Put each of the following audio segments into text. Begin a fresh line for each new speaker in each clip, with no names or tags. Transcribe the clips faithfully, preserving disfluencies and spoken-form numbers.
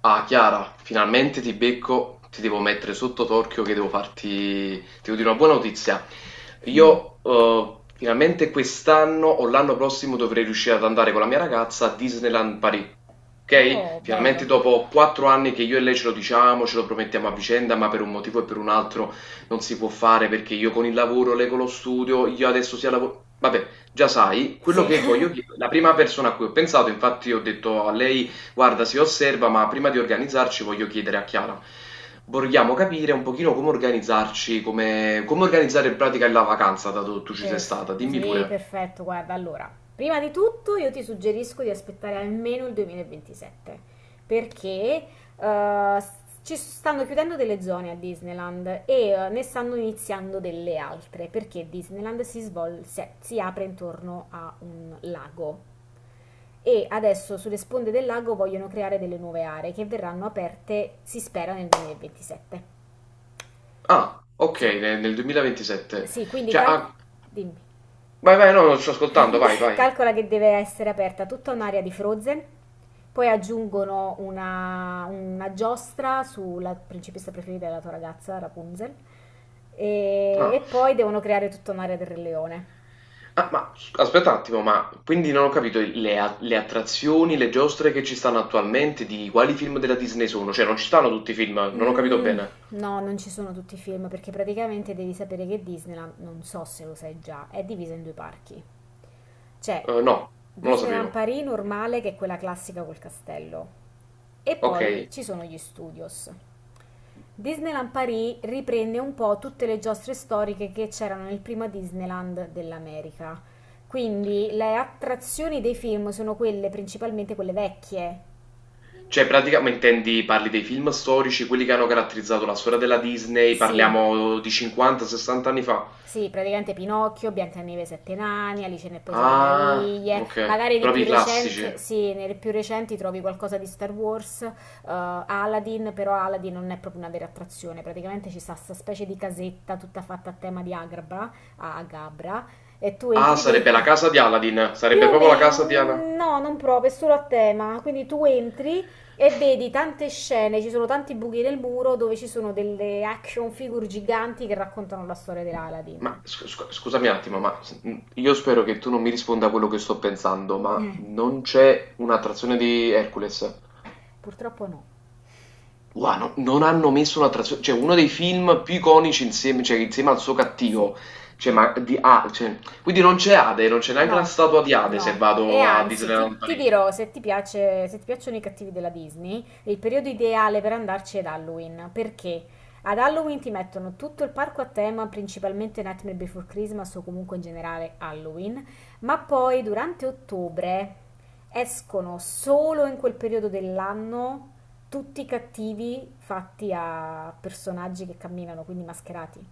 Ah, Chiara, finalmente ti becco, ti devo mettere sotto torchio che devo farti, ti devo dire una buona notizia. Io eh, finalmente quest'anno o l'anno prossimo dovrei riuscire ad andare con la mia ragazza a Disneyland Paris. Ok?
Oh,
Finalmente
bello.
dopo quattro anni che io e lei ce lo diciamo, ce lo promettiamo a vicenda, ma per un motivo e per un altro non si può fare perché io con il lavoro, lei con lo studio, io adesso sia lavoro... Vabbè, già sai, quello
Sì,
che voglio chiedere, la prima persona a cui ho pensato, infatti ho detto a lei guarda, si osserva, ma prima di organizzarci voglio chiedere a Chiara. Vogliamo capire un pochino come organizzarci, come, come organizzare in pratica la vacanza, dato che tu ci sei stata.
perf-
Dimmi
sì,
pure.
perfetto. Guarda, allora, prima di tutto io ti suggerisco di aspettare almeno il duemilaventisette, perché eh, s- ci stanno chiudendo delle zone a Disneyland e eh, ne stanno iniziando delle altre, perché Disneyland si svol- si si apre intorno a un lago. E adesso sulle sponde del lago vogliono creare delle nuove aree che verranno aperte, si spera, nel duemilaventisette.
Ah, ok,
Sì,
ne- nel duemilaventisette.
sì, quindi
Cioè,
calco...
ah,
Dimmi.
vai, vai, no, non sto ascoltando, vai, vai.
Calcola che deve essere aperta tutta un'area di Frozen, poi aggiungono una, una giostra sulla principessa preferita della tua ragazza, Rapunzel, e,
Ah,
e poi devono creare tutta un'area del Re Leone.
ah, ma s- aspetta un attimo, ma quindi non ho capito le, a- le attrazioni, le giostre che ci stanno attualmente, di quali film della Disney sono? Cioè, non ci stanno tutti i film, non ho capito
Mm,
bene.
no, non ci sono tutti i film perché praticamente devi sapere che Disneyland, non so se lo sai già, è divisa in due parchi. C'è
Eh, no, non lo
Disneyland
sapevo.
Paris normale, che è quella classica col castello, e poi
Ok.
ci sono gli studios. Disneyland Paris riprende un po' tutte le giostre storiche che c'erano nel prima Disneyland dell'America. Quindi le attrazioni dei film sono quelle principalmente quelle vecchie.
Cioè pratica ma intendi parli dei film storici, quelli che hanno caratterizzato la storia della Disney,
Sì,
parliamo di cinquanta, sessanta anni fa?
sì, praticamente Pinocchio, Biancaneve e Sette Nani, Alice nel Paese delle
Ah,
Meraviglie,
okay,
magari di
proprio
più
i classici.
recente, sì, nelle più recenti trovi qualcosa di Star Wars, eh, Aladdin, però Aladdin non è proprio una vera attrazione, praticamente ci sta questa specie di casetta tutta fatta a tema di Agrabah, Agabra, e tu
Ah,
entri
sarebbe la
dentro.
casa di Aladdin,
Più
sarebbe
o
proprio la
meno,
casa di Ala.
mm, no, non proprio, è solo a tema. Quindi tu entri e vedi tante scene, ci sono tanti buchi nel muro dove ci sono delle action figure giganti che raccontano la storia dell'Aladdin.
Ma scu scu scusami un attimo, ma s mhmm, io spero che tu non mi risponda a quello che sto pensando, ma
Eh,
non c'è una trazione di Hercules?
Purtroppo no,
Guarda, no- non hanno messo una traduzione, cioè uno dei
no.
film più iconici insieme, cioè, insieme al suo
Sì,
cattivo, cioè, ma di A, cioè, quindi non c'è Ade, non c'è neanche la
no,
statua di Ade se
no. E
vado a
anzi,
Disneyland
ti, ti
Paris.
dirò, se ti piace, se ti piacciono i cattivi della Disney, il periodo ideale per andarci è ad Halloween. Perché? Ad Halloween ti mettono tutto il parco a tema, principalmente Nightmare Before Christmas o comunque in generale Halloween, ma poi durante ottobre escono solo in quel periodo dell'anno tutti i cattivi fatti a personaggi che camminano, quindi mascherati.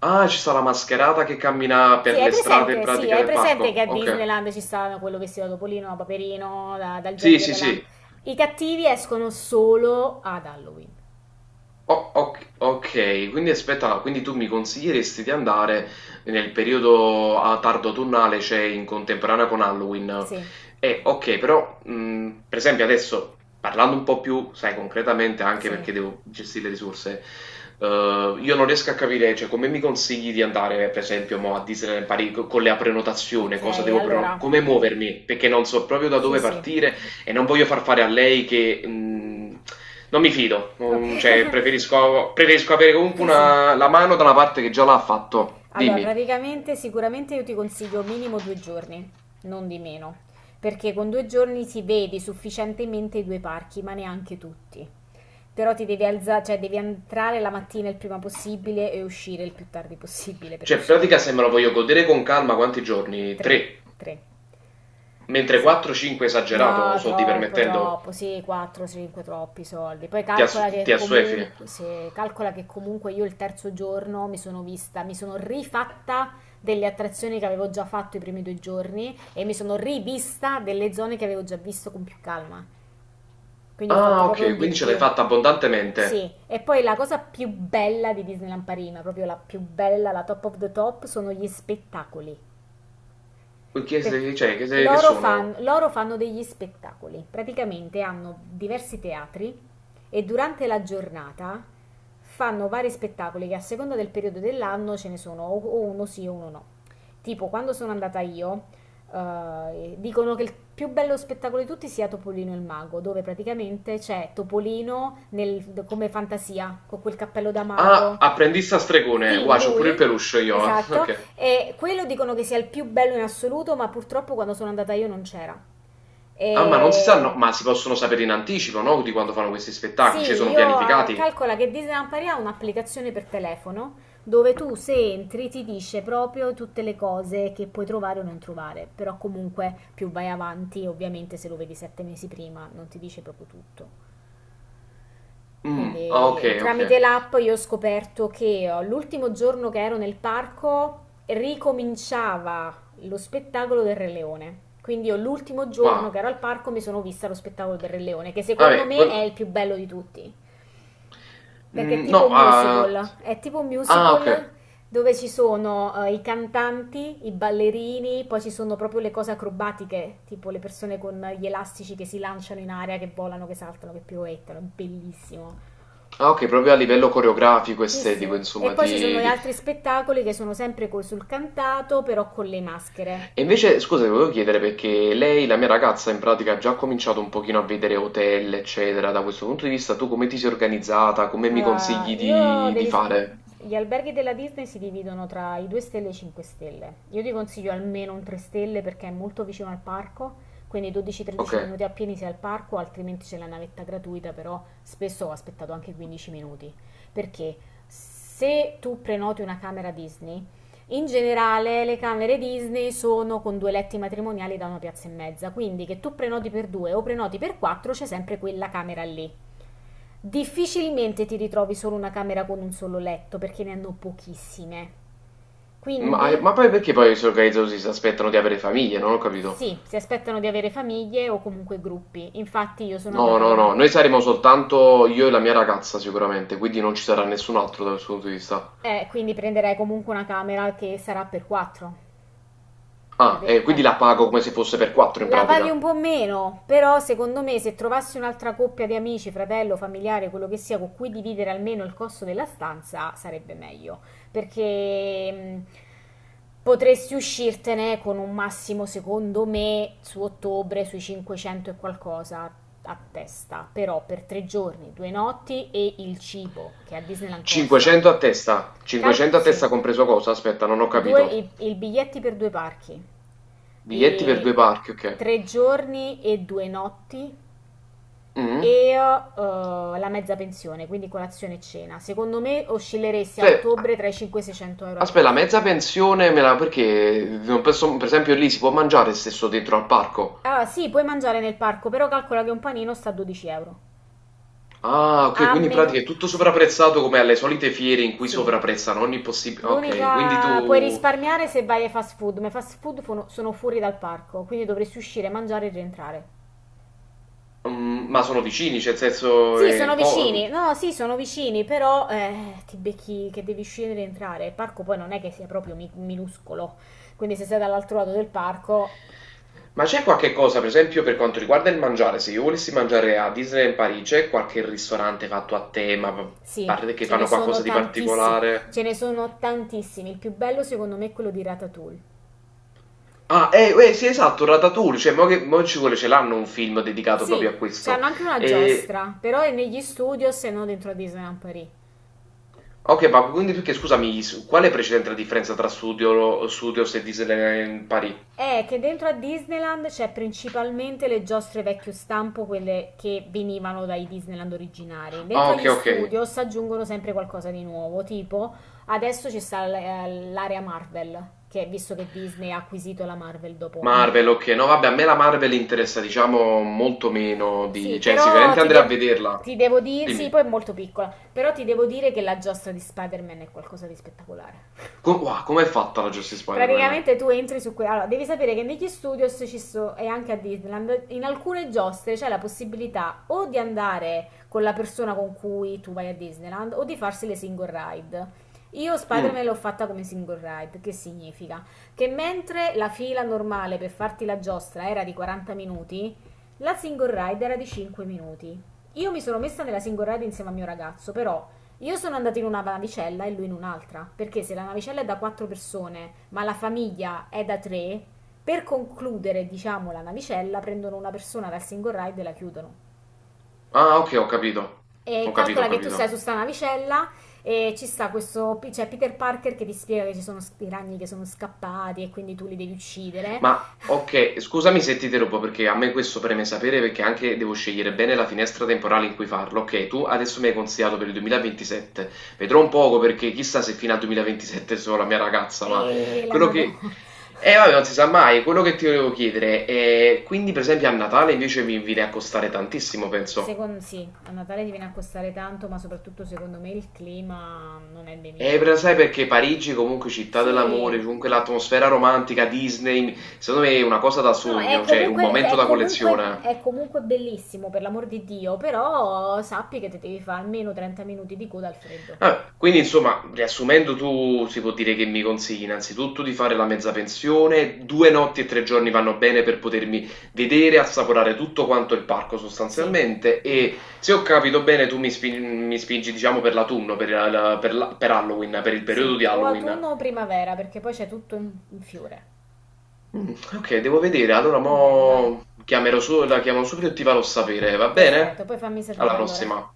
Ah, ci sta la mascherata che cammina
Sì,
per
hai
le strade in
presente, sì,
pratica
hai
del parco,
presente che a
ok.
Disneyland ci sta quello vestito da Topolino, da Paperino, da- dal genio
Sì, sì,
della là.
sì.
I cattivi escono solo ad Halloween.
O oc okay, quindi aspetta, quindi tu mi consiglieresti di andare nel periodo a tardo autunnale, cioè in contemporanea con Halloween.
Sì,
Eh, ok, però mh, per esempio adesso parlando un po' più, sai, concretamente, anche
sì.
perché devo gestire le risorse, eh, io non riesco a capire, cioè, come mi consigli di andare, per esempio, mo, a Disneyland Paris co- con la prenotazione,
Ok,
cosa devo preno-
allora,
come muovermi, perché non so proprio da
sì,
dove
sì.
partire e non voglio far fare a lei che mh, non mi fido,
Ok,
mm, cioè preferisco, preferisco avere comunque
sì, sì.
una, la mano da una parte che già l'ha fatto.
Allora,
Dimmi,
praticamente, sicuramente io ti consiglio minimo due giorni, non di meno, perché con due giorni si vede sufficientemente i due parchi, ma neanche tutti. Però ti devi alzare, cioè devi entrare la mattina il prima possibile e uscire il più tardi possibile per
cioè in pratica
riuscire.
se me lo voglio godere con calma quanti giorni?
Tre,
Tre,
tre,
mentre
sì.
quattro cinque esagerato,
No,
soldi
troppo,
permettendo,
troppo, sì, quattro, cinque, troppi soldi. Poi
ti, ass-
calcola che
ti assuefi.
comunque, se, calcola che comunque io il terzo giorno mi sono vista, mi sono rifatta delle attrazioni che avevo già fatto i primi due giorni e mi sono rivista delle zone che avevo già visto con più calma. Quindi ho fatto
Ah,
proprio un
ok,
di
quindi ce l'hai
più.
fatta
Sì,
abbondantemente.
e poi la cosa più bella di Disneyland Parigi, ma proprio la più bella, la top of the top, sono gli spettacoli
Che, se-
perché
cioè, che, se- che
loro,
sono?
fan- loro fanno degli spettacoli, praticamente hanno diversi teatri e durante la giornata fanno vari spettacoli che a seconda del periodo dell'anno ce ne sono o o uno sì o uno no. Tipo quando sono andata io, eh, dicono che il più bello spettacolo di tutti sia Topolino e il mago, dove praticamente c'è Topolino nel- come fantasia, con quel cappello da
Ah,
mago.
apprendista stregone,
Sì,
wow, c'ho pure il
lui,
peluche io, eh.
esatto.
Ok.
E quello dicono che sia il più bello in assoluto, ma purtroppo quando sono andata io non c'era.
Ah, ma non si sa, no,
E...
ma si possono sapere in anticipo, no? Di quando fanno questi spettacoli, cioè
Sì,
sono
io eh,
pianificati.
calcola che Disneyland Paris ha un'applicazione per telefono dove tu se entri ti dice proprio tutte le cose che puoi trovare o non trovare, però comunque più vai avanti, ovviamente se lo vedi sette mesi prima non ti dice proprio tutto.
Mm, ah, ok,
Quindi
ok.
tramite l'app io ho scoperto che oh, l'ultimo giorno che ero nel parco ricominciava lo spettacolo del Re Leone. Quindi io l'ultimo giorno
Wow.
che ero al parco mi sono vista lo spettacolo del Re Leone, che secondo
Vabbè,
me è
quello...
il più bello di tutti. Perché è
Mm,
tipo
no,
un
ah,
musical, è tipo un
ah, ok.
musical dove ci sono eh, i cantanti, i ballerini, poi ci sono proprio le cose acrobatiche, tipo le persone con gli elastici che si lanciano in aria, che volano, che saltano, che piroettano, è bellissimo.
Ah, ok, proprio a livello coreografico,
Sì, sì.
estetico,
E
insomma,
poi ci sono
ti...
gli
ti-.
altri spettacoli che sono sempre col sul cantato, però con le maschere.
E invece, scusa, ti volevo chiedere perché lei, la mia ragazza, in pratica ha già cominciato un pochino a vedere hotel, eccetera. Da questo punto di vista, tu come ti sei organizzata? Come mi
Allora,
consigli
io
di, di
devi... s-
fare?
gli alberghi della Disney si dividono tra i due stelle e i cinque stelle. Io ti consiglio almeno un tre stelle perché è molto vicino al parco, quindi
Ok.
dodici tredici minuti appieni sei al parco, altrimenti c'è la navetta gratuita, però spesso ho aspettato anche quindici minuti. Perché se tu prenoti una camera Disney, in generale le camere Disney sono con due letti matrimoniali da una piazza e mezza, quindi che tu prenoti per due o prenoti per quattro c'è sempre quella camera lì. Difficilmente ti ritrovi solo una camera con un solo letto, perché ne hanno pochissime.
Ma, eh,
Quindi
ma poi perché poi si organizzano così, si aspettano di avere famiglie? Non ho capito.
sì, si aspettano di avere famiglie o comunque gruppi. Infatti io sono
No,
andata
no,
con
no,
una...
noi saremo soltanto io e la mia ragazza sicuramente, quindi non ci sarà nessun altro dal suo punto di vista.
Eh, quindi prenderai comunque una camera che sarà per quattro.
Ah,
Capi?
e
Eh.
quindi la pago come se fosse per quattro in
La paghi
pratica.
un po' meno, però secondo me se trovassi un'altra coppia di amici, fratello, familiare, quello che sia, con cui dividere almeno il costo della stanza, sarebbe meglio, perché mh, potresti uscirtene con un massimo, secondo me, su ottobre, sui cinquecento e qualcosa a testa, però per tre giorni, due notti e il cibo, che a Disneyland costa.
cinquecento a testa,
Cal-
cinquecento a
sì,
testa compreso cosa? Aspetta, non ho
due,
capito.
i, i biglietti per due parchi,
Biglietti per
i
due parchi, ok.
tre giorni e due notti e
Mm.
eh, la mezza pensione, quindi colazione e cena. Secondo me oscilleresti a
Cioè,
ottobre tra i cinquecento e i seicento euro a
aspetta, la
testa.
mezza pensione me la... perché non posso- per esempio lì si può mangiare stesso dentro al parco?
Allora, sì, puoi mangiare nel parco, però calcola che un panino sta a dodici euro.
Ah, ok,
A
quindi in
meno...
pratica è tutto
Sì,
sopravprezzato come alle solite fiere in cui
sì.
sovrapprezzano ogni possibile. Ok, quindi
L'unica... Puoi
tu.
risparmiare se vai ai fast food, ma i fast food fono- sono fuori dal parco, quindi dovresti uscire, mangiare e rientrare.
Mm, ma sono vicini, cioè, nel senso.
Sì,
è
sono
co-
vicini. No, sì, sono vicini, però eh, ti becchi che devi scendere e entrare. Il parco poi non è che sia proprio mi- minuscolo. Quindi se sei dall'altro lato del parco,
Ma c'è qualche cosa, per esempio, per quanto riguarda il mangiare? Se io volessi mangiare a Disneyland Parigi, c'è qualche ristorante fatto a tema, pa-
sì,
parte- che
ce ne
fanno
sono
qualcosa di
tantissimi. Ce
particolare?
ne sono tantissimi. Il più bello secondo me è quello di Ratatouille.
Ah, eh, eh, sì, esatto, Ratatouille, cioè, mo che, mo ci vuole, ce l'hanno un film dedicato proprio
Sì,
a questo.
c'hanno anche una
E
giostra, però è negli studios e non dentro a Disneyland Paris.
ok, ma quindi perché scusami, s- qual è precedente la differenza tra Studio, Studios e Disneyland Paris?
È che dentro a Disneyland c'è principalmente le giostre vecchio stampo, quelle che venivano dai Disneyland originari. Dentro
Ah, ok,
agli
ok.
studios aggiungono sempre qualcosa di nuovo, tipo adesso ci sta l- eh, l'area Marvel, che visto che Disney ha acquisito la Marvel dopo un
Marvel,
po'.
ok. No, vabbè, a me la Marvel interessa, diciamo, molto meno
Sì,
di... Cioè,
però
sicuramente
ti,
andrei a
dev-
vederla.
ti devo dire, sì,
Dimmi.
poi è molto piccola, però ti devo dire che la giostra di Spider-Man è qualcosa di spettacolare.
Com- wow, com'è fatta la Justice Spider-Man?
Praticamente tu entri su quella. Allora, devi sapere che negli studios ci so, e anche a Disneyland, in alcune giostre c'è la possibilità o di andare con la persona con cui tu vai a Disneyland o di farsi le single ride. Io
Mm.
Spider-Man l'ho fatta come single ride, che significa che mentre la fila normale per farti la giostra era di quaranta minuti, la single ride era di cinque minuti. Io mi sono messa nella single ride insieme al mio ragazzo, però io sono andata in una navicella e lui in un'altra, perché se la navicella è da quattro persone, ma la famiglia è da tre, per concludere, diciamo, la navicella, prendono una persona dal single ride e la chiudono.
Ah, ok, ho capito.
E
Ho capito, ho
calcola che tu sei
capito.
su sta navicella e ci sta questo, c'è Peter Parker che ti spiega che ci sono i ragni che sono scappati e quindi tu li devi uccidere.
Ma ok, scusami se ti interrompo perché a me questo preme sapere perché anche devo scegliere bene la finestra temporale in cui farlo. Ok, tu adesso mi hai consigliato per il duemilaventisette. Vedrò un poco perché chissà se fino al duemilaventisette sono la mia ragazza, ma
E la
quello che...
madonna.
Eh vabbè, non si sa mai, quello che ti volevo chiedere è... Quindi per esempio a Natale invece mi viene a costare tantissimo, penso.
Secondo sì, a Natale ti viene a costare tanto, ma soprattutto secondo me il clima non è dei
Eh, però
migliori.
sai perché Parigi comunque città dell'amore,
Sì,
comunque l'atmosfera romantica, Disney, secondo me è una cosa da
no, è
sogno, cioè un
comunque,
momento
è
da
comunque,
collezione.
è comunque bellissimo, per l'amor di Dio, però sappi che ti devi fare almeno trenta minuti di coda al freddo.
Ah, quindi insomma, riassumendo, tu si può dire che mi consigli innanzitutto di fare la mezza pensione, due notti e tre giorni vanno bene per potermi vedere, assaporare tutto quanto il parco
Sì,
sostanzialmente e se ho capito bene tu mi, spin- mi spingi diciamo per l'autunno, per, la- per la- per Halloween, per il
sì,
periodo di
o
Halloween.
autunno o primavera, perché poi c'è tutto in, in fiore.
Mm, ok, devo vedere, allora
Va bene, dai,
mo chiamerò su, la chiamo subito e ti farò sapere, va
perfetto,
bene?
poi fammi
Alla
sapere allora.
prossima.